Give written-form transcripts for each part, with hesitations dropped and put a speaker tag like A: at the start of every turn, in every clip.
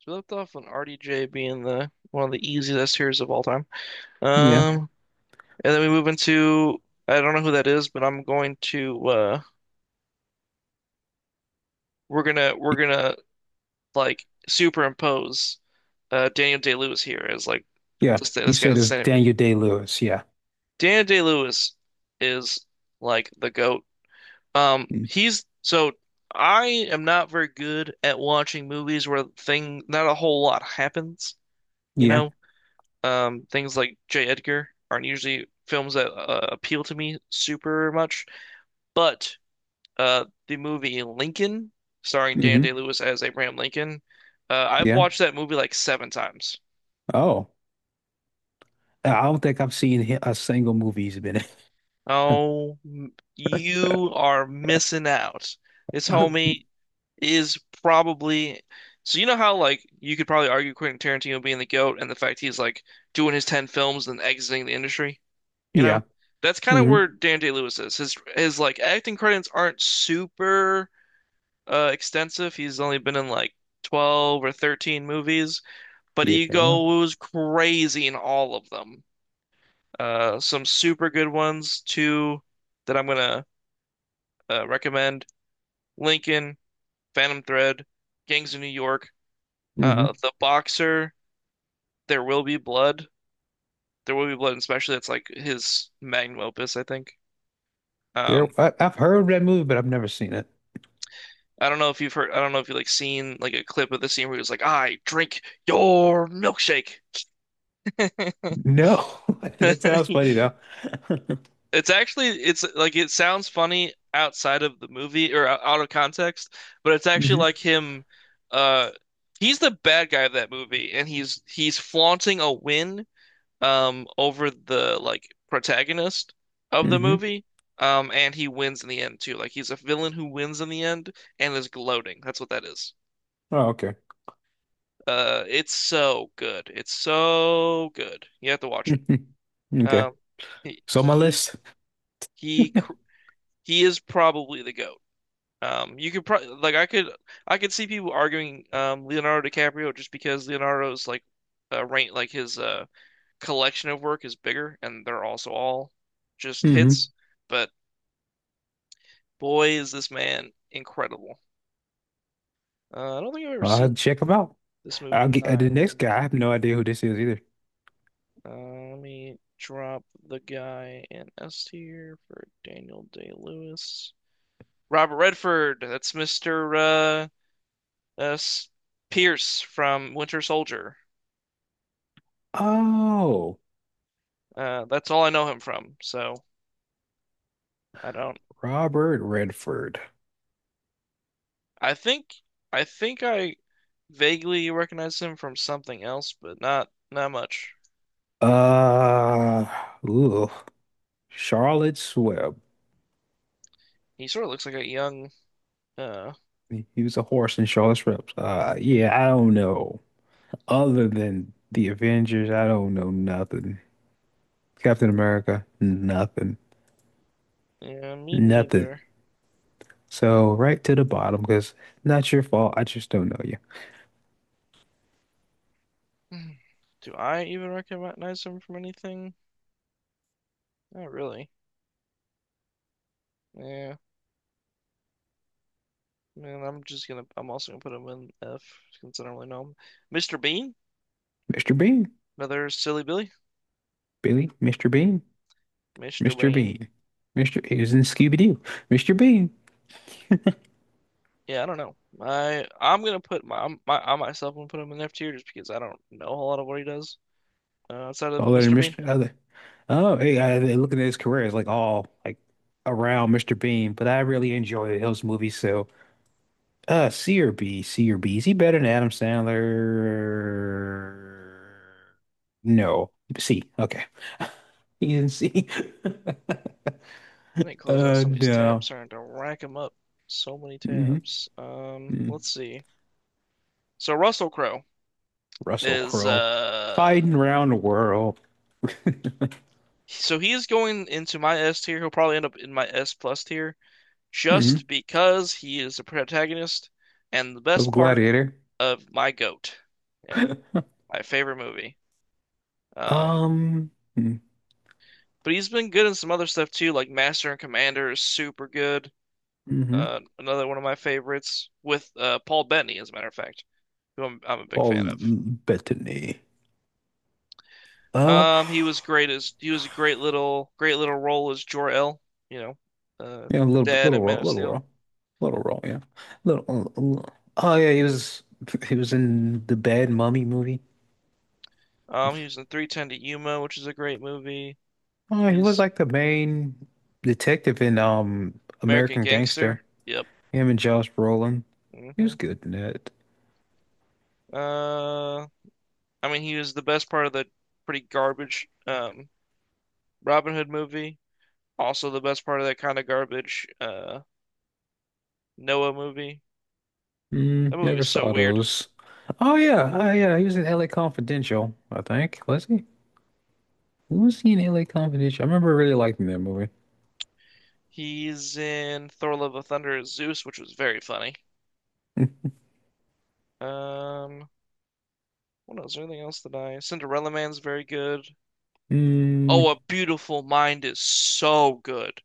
A: So we left off on RDJ being the one of the easiest heroes of all time.
B: Yeah,
A: Um, and then we move into I don't know who that is, but I'm going to we're gonna like superimpose Daniel Day-Lewis here as like
B: yeah.
A: this
B: You
A: this
B: said
A: guy's
B: it
A: the
B: was
A: same.
B: Daniel Day-Lewis. Yeah.
A: Daniel Day-Lewis is like the goat.
B: Mm.
A: He's so I am not very good at watching movies where thing not a whole lot happens, you
B: Yeah.
A: know? Things like J. Edgar aren't usually films that appeal to me super much, but the movie Lincoln, starring Dan
B: Hmm.
A: Day-Lewis as Abraham Lincoln, I've
B: Yeah.
A: watched that movie like seven times.
B: Oh, I don't think I've seen a single movie he's been in.
A: Oh, you are missing out. This homie is probably. So you know how like you could probably argue Quentin Tarantino being the GOAT and the fact he's like doing his 10 films and exiting the industry? You know,
B: Yeah.
A: that's kind of
B: Hmm.
A: where Dan Day-Lewis is. His like acting credits aren't super extensive. He's only been in like 12 or 13 movies, but he
B: Yeah.
A: goes crazy in all of them. Some super good ones too that I'm gonna recommend: Lincoln, Phantom Thread, Gangs of New York,
B: Hmm.
A: The Boxer, There Will Be Blood. There Will Be Blood, especially that's like his magnum opus, I think. Um,
B: There, I've heard that movie, but I've never seen it.
A: I don't know if you've heard, I don't know if you like seen like a clip of the scene where he was like, "I drink your milkshake."
B: No, that sounds funny though.
A: It's like it sounds funny outside of the movie or out of context, but it's actually like
B: Hmm.
A: him uh he's the bad guy of that movie and he's flaunting a win over the like protagonist of the
B: Hmm.
A: movie. And he wins in the end too. Like he's a villain who wins in the end and is gloating. That's what that is.
B: Oh, okay.
A: It's so good. It's so good. You have to watch it.
B: Hmm. Okay.
A: Um, he
B: So my
A: he
B: list.
A: he cr- he is probably the GOAT. You could probably like I could see people arguing Leonardo DiCaprio just because Leonardo's like rank like his collection of work is bigger and they're also all just
B: Hmm.
A: hits. But boy, is this man incredible. I don't think I've ever
B: I'll
A: seen
B: check them out.
A: this movie
B: I'll
A: in
B: get the
A: nine.
B: next guy. I have no idea who this is either.
A: Let me drop the guy in S tier for Daniel Day-Lewis. Robert Redford, that's Mr. Uh, S- Pierce from Winter Soldier.
B: Oh.
A: That's all I know him from. So I don't.
B: Robert Redford.
A: I think I think I vaguely recognize him from something else, but not much.
B: Uh, ooh, Charlotte's Web.
A: He sort of looks like a young. Uh,
B: He was a horse in Charlotte's Web. Yeah, I don't know. Other than the Avengers, I don't know nothing. Captain America, nothing,
A: yeah, me
B: nothing.
A: neither.
B: So right to the bottom because not your fault. I just don't know you.
A: Do I even recognize him from anything? Not really. Yeah. Man, I'm just gonna. I'm also gonna put him in F since I don't really know him. Mr. Bean,
B: Mr. Bean,
A: another silly Billy.
B: Billy, Mr. Bean,
A: Mr.
B: Mr.
A: Bean.
B: Bean, Mr. He was in Scooby-Doo, Mr. Bean.
A: Yeah, I don't know. I I'm gonna put my I'm- my I myself gonna put him in F tier just because I don't know a whole lot of what he does outside of
B: Taller than
A: Mr. Bean.
B: Mr. Other. Oh, hey, looking at his career, it's like all like around Mr. Bean, but I really enjoy those movies. So, C or B. Is he better than Adam Sandler? No, C. Okay, he's in C.
A: I didn't close out some of these tabs,
B: No.
A: starting to rack him up. So many
B: Hmm.
A: tabs. Let's see. So Russell Crowe
B: Russell
A: is
B: Crowe fighting around the world.
A: so he is going into my S tier. He'll probably end up in my S plus tier
B: Hmm.
A: just because he is a protagonist and the
B: Of
A: best part
B: Gladiator.
A: of my goat. Yeah, my favorite movie. Um,
B: Um.
A: but he's been good in some other stuff too, like Master and Commander is super good.
B: Mm-hmm.
A: Another one of my favorites with Paul Bettany, as a matter of fact, who I'm a big fan
B: Paul
A: of.
B: Bettany. Uh,
A: He was a great little role as Jor-El, you know,
B: yeah, a
A: the
B: little,
A: dad at
B: little role,
A: Man of
B: little
A: Steel.
B: role, little role, yeah, little. Oh yeah, he was in the Bad Mummy movie.
A: He was in 3:10 to Yuma, which is a great movie.
B: Oh, he was
A: He's
B: like the main detective in
A: American
B: American Gangster.
A: Gangster. Yep.
B: Him and Josh Brolin. He was
A: hmm
B: good in that.
A: Uh, I mean, he was the best part of the pretty garbage Robin Hood movie. Also, the best part of that kind of garbage Noah movie. That movie was
B: Never
A: so
B: saw
A: weird.
B: those. Oh yeah, oh yeah, he was in LA Confidential, I think. Was he? Was he in LA Confidential? I remember really liking that movie.
A: He's in Thor: Love of Thunder as Zeus, which was very funny. Um, what else? Anything else that I? Cinderella Man's very good.
B: Mm,
A: Oh, A Beautiful Mind is so good.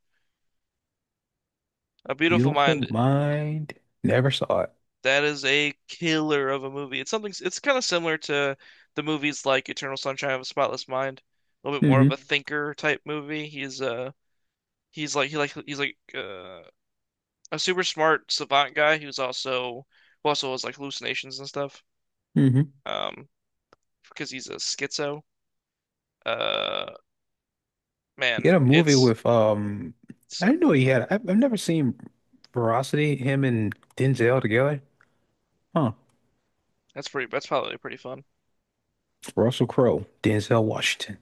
A: A Beautiful
B: Beautiful
A: Mind
B: Mind. Never saw it.
A: That is a killer of a movie. It's kind of similar to the movies like Eternal Sunshine of a Spotless Mind. A little bit more of
B: Hmm.
A: a thinker type movie. He's like a super smart savant guy who also has like hallucinations and stuff.
B: Hmm.
A: Um, because he's a schizo. Uh,
B: He
A: man,
B: had a movie
A: it's
B: with I
A: so
B: didn't know
A: good.
B: he had. I've never seen Veracity, him and Denzel together. Huh.
A: That's pretty. That's probably pretty fun.
B: Russell Crowe, Denzel Washington.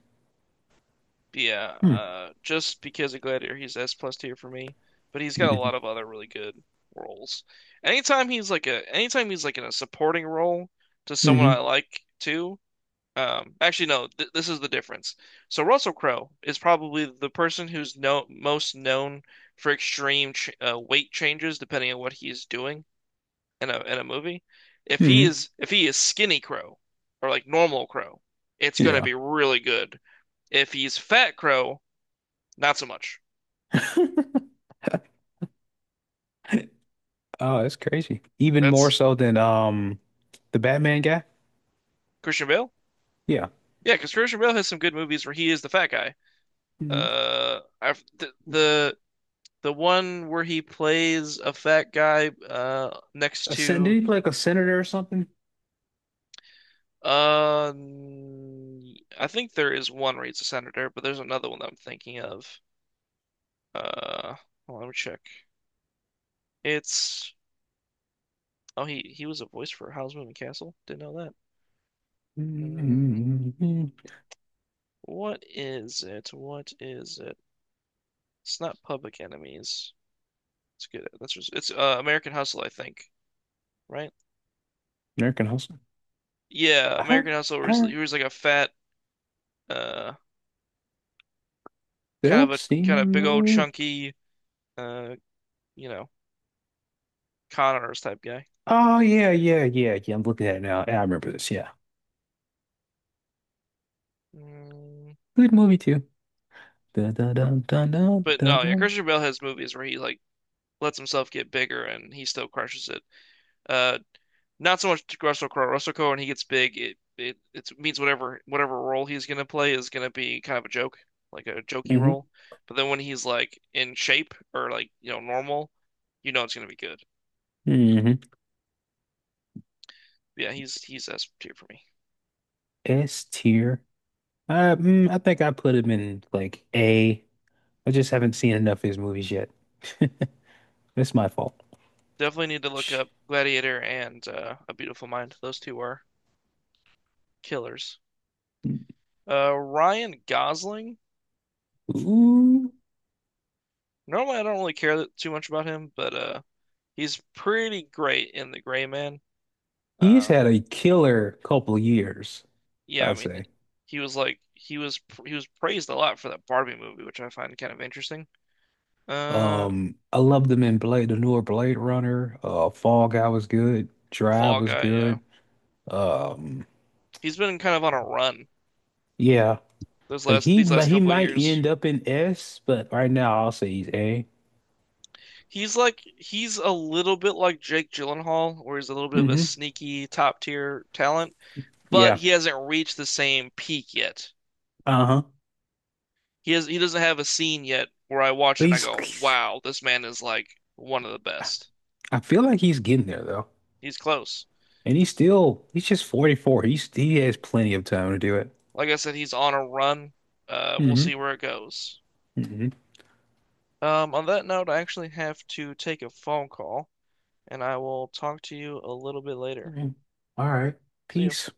A: But yeah,
B: Hmm.
A: just because of Gladiator, he's S plus tier for me. But he's got a lot
B: Hmm.
A: of other really good roles. Anytime he's like in a supporting role to someone I
B: Hmm.
A: like too. Actually, no, th this is the difference. So Russell Crowe is probably the person who's no most known for extreme ch weight changes depending on what he's doing in a movie. If he
B: Hmm.
A: is if he is skinny Crow or like normal Crow, it's gonna
B: Yeah.
A: be really good. If he's fat Crow not so much.
B: Oh, that's crazy. Even more
A: That's
B: so than the Batman guy.
A: Christian Bale.
B: Yeah.
A: Yeah, because Christian Bale has some good movies where he is the fat guy.
B: Hmm.
A: I've, the one where he plays a fat guy next
B: A sen Did
A: to
B: he play like a senator or something?
A: uh I think there is one where he's a senator, but there's another one that I'm thinking of. Uh, hold on, let me check. It's oh he was a voice for Howl's Moving Castle. Didn't know that. Mm,
B: Hmm.
A: what is it? What is it? It's not Public Enemies. It's good. It's American Hustle, I think, right?
B: American Hustle.
A: Yeah,
B: I,
A: American Hustle. Where
B: I,
A: he was like a fat, uh, kind of
B: I've
A: a
B: seen
A: kind of big old
B: him?
A: chunky, uh, you know, con artist type guy.
B: Oh yeah, yeah, yeah, yeah. I'm looking at it now. Yeah, I remember this. Yeah,
A: Mm.
B: good movie too. Dun, dun, dun, dun, dun,
A: But
B: dun,
A: no, yeah,
B: dun.
A: Christian Bale has movies where he like lets himself get bigger and he still crushes it. Uh, not so much Russell Crowe. Russell Crowe, when he gets big, it means whatever role he's gonna play is gonna be kind of a joke, like a jokey
B: Hmm.
A: role. But then when he's like in shape or like normal, it's gonna be good.
B: Hmm.
A: Yeah, he's S tier for me.
B: S tier. I think I put him in like A. I just haven't seen enough of his movies yet. It's my fault.
A: Definitely need to look
B: Sh-
A: up Gladiator and A Beautiful Mind. Those two are killers. Ryan Gosling.
B: Ooh,
A: Normally, I don't really care too much about him, but he's pretty great in The Gray Man.
B: he's
A: Uh,
B: had a killer couple years,
A: yeah, I
B: I'd
A: mean,
B: say.
A: he was like he was praised a lot for that Barbie movie, which I find kind of interesting. Uh,
B: I loved him in Blade, the newer Blade Runner. Fall Guy was good. Drive
A: Fall
B: was
A: Guy. Yeah,
B: good. Um,
A: he's been kind of on a run
B: yeah,
A: those
B: like
A: last these last
B: he
A: couple of
B: might
A: years.
B: end up in S, but right now I'll say he's A.
A: He's a little bit like Jake Gyllenhaal, where he's a little bit of a
B: Hmm.
A: sneaky top tier talent, but
B: Yeah.
A: he hasn't reached the same peak yet.
B: Uh-huh.
A: He doesn't have a scene yet where I watch it
B: But
A: and I go, "Wow, this man is like one of the best."
B: I feel like he's getting there though.
A: He's close.
B: And he's just 44. He has plenty of time to do it.
A: Like I said, he's on a run. We'll
B: Hmm.
A: see where it goes.
B: Hmm.
A: On that note, I actually have to take a phone call, and I will talk to you a little bit later.
B: All right.
A: See you.
B: Peace.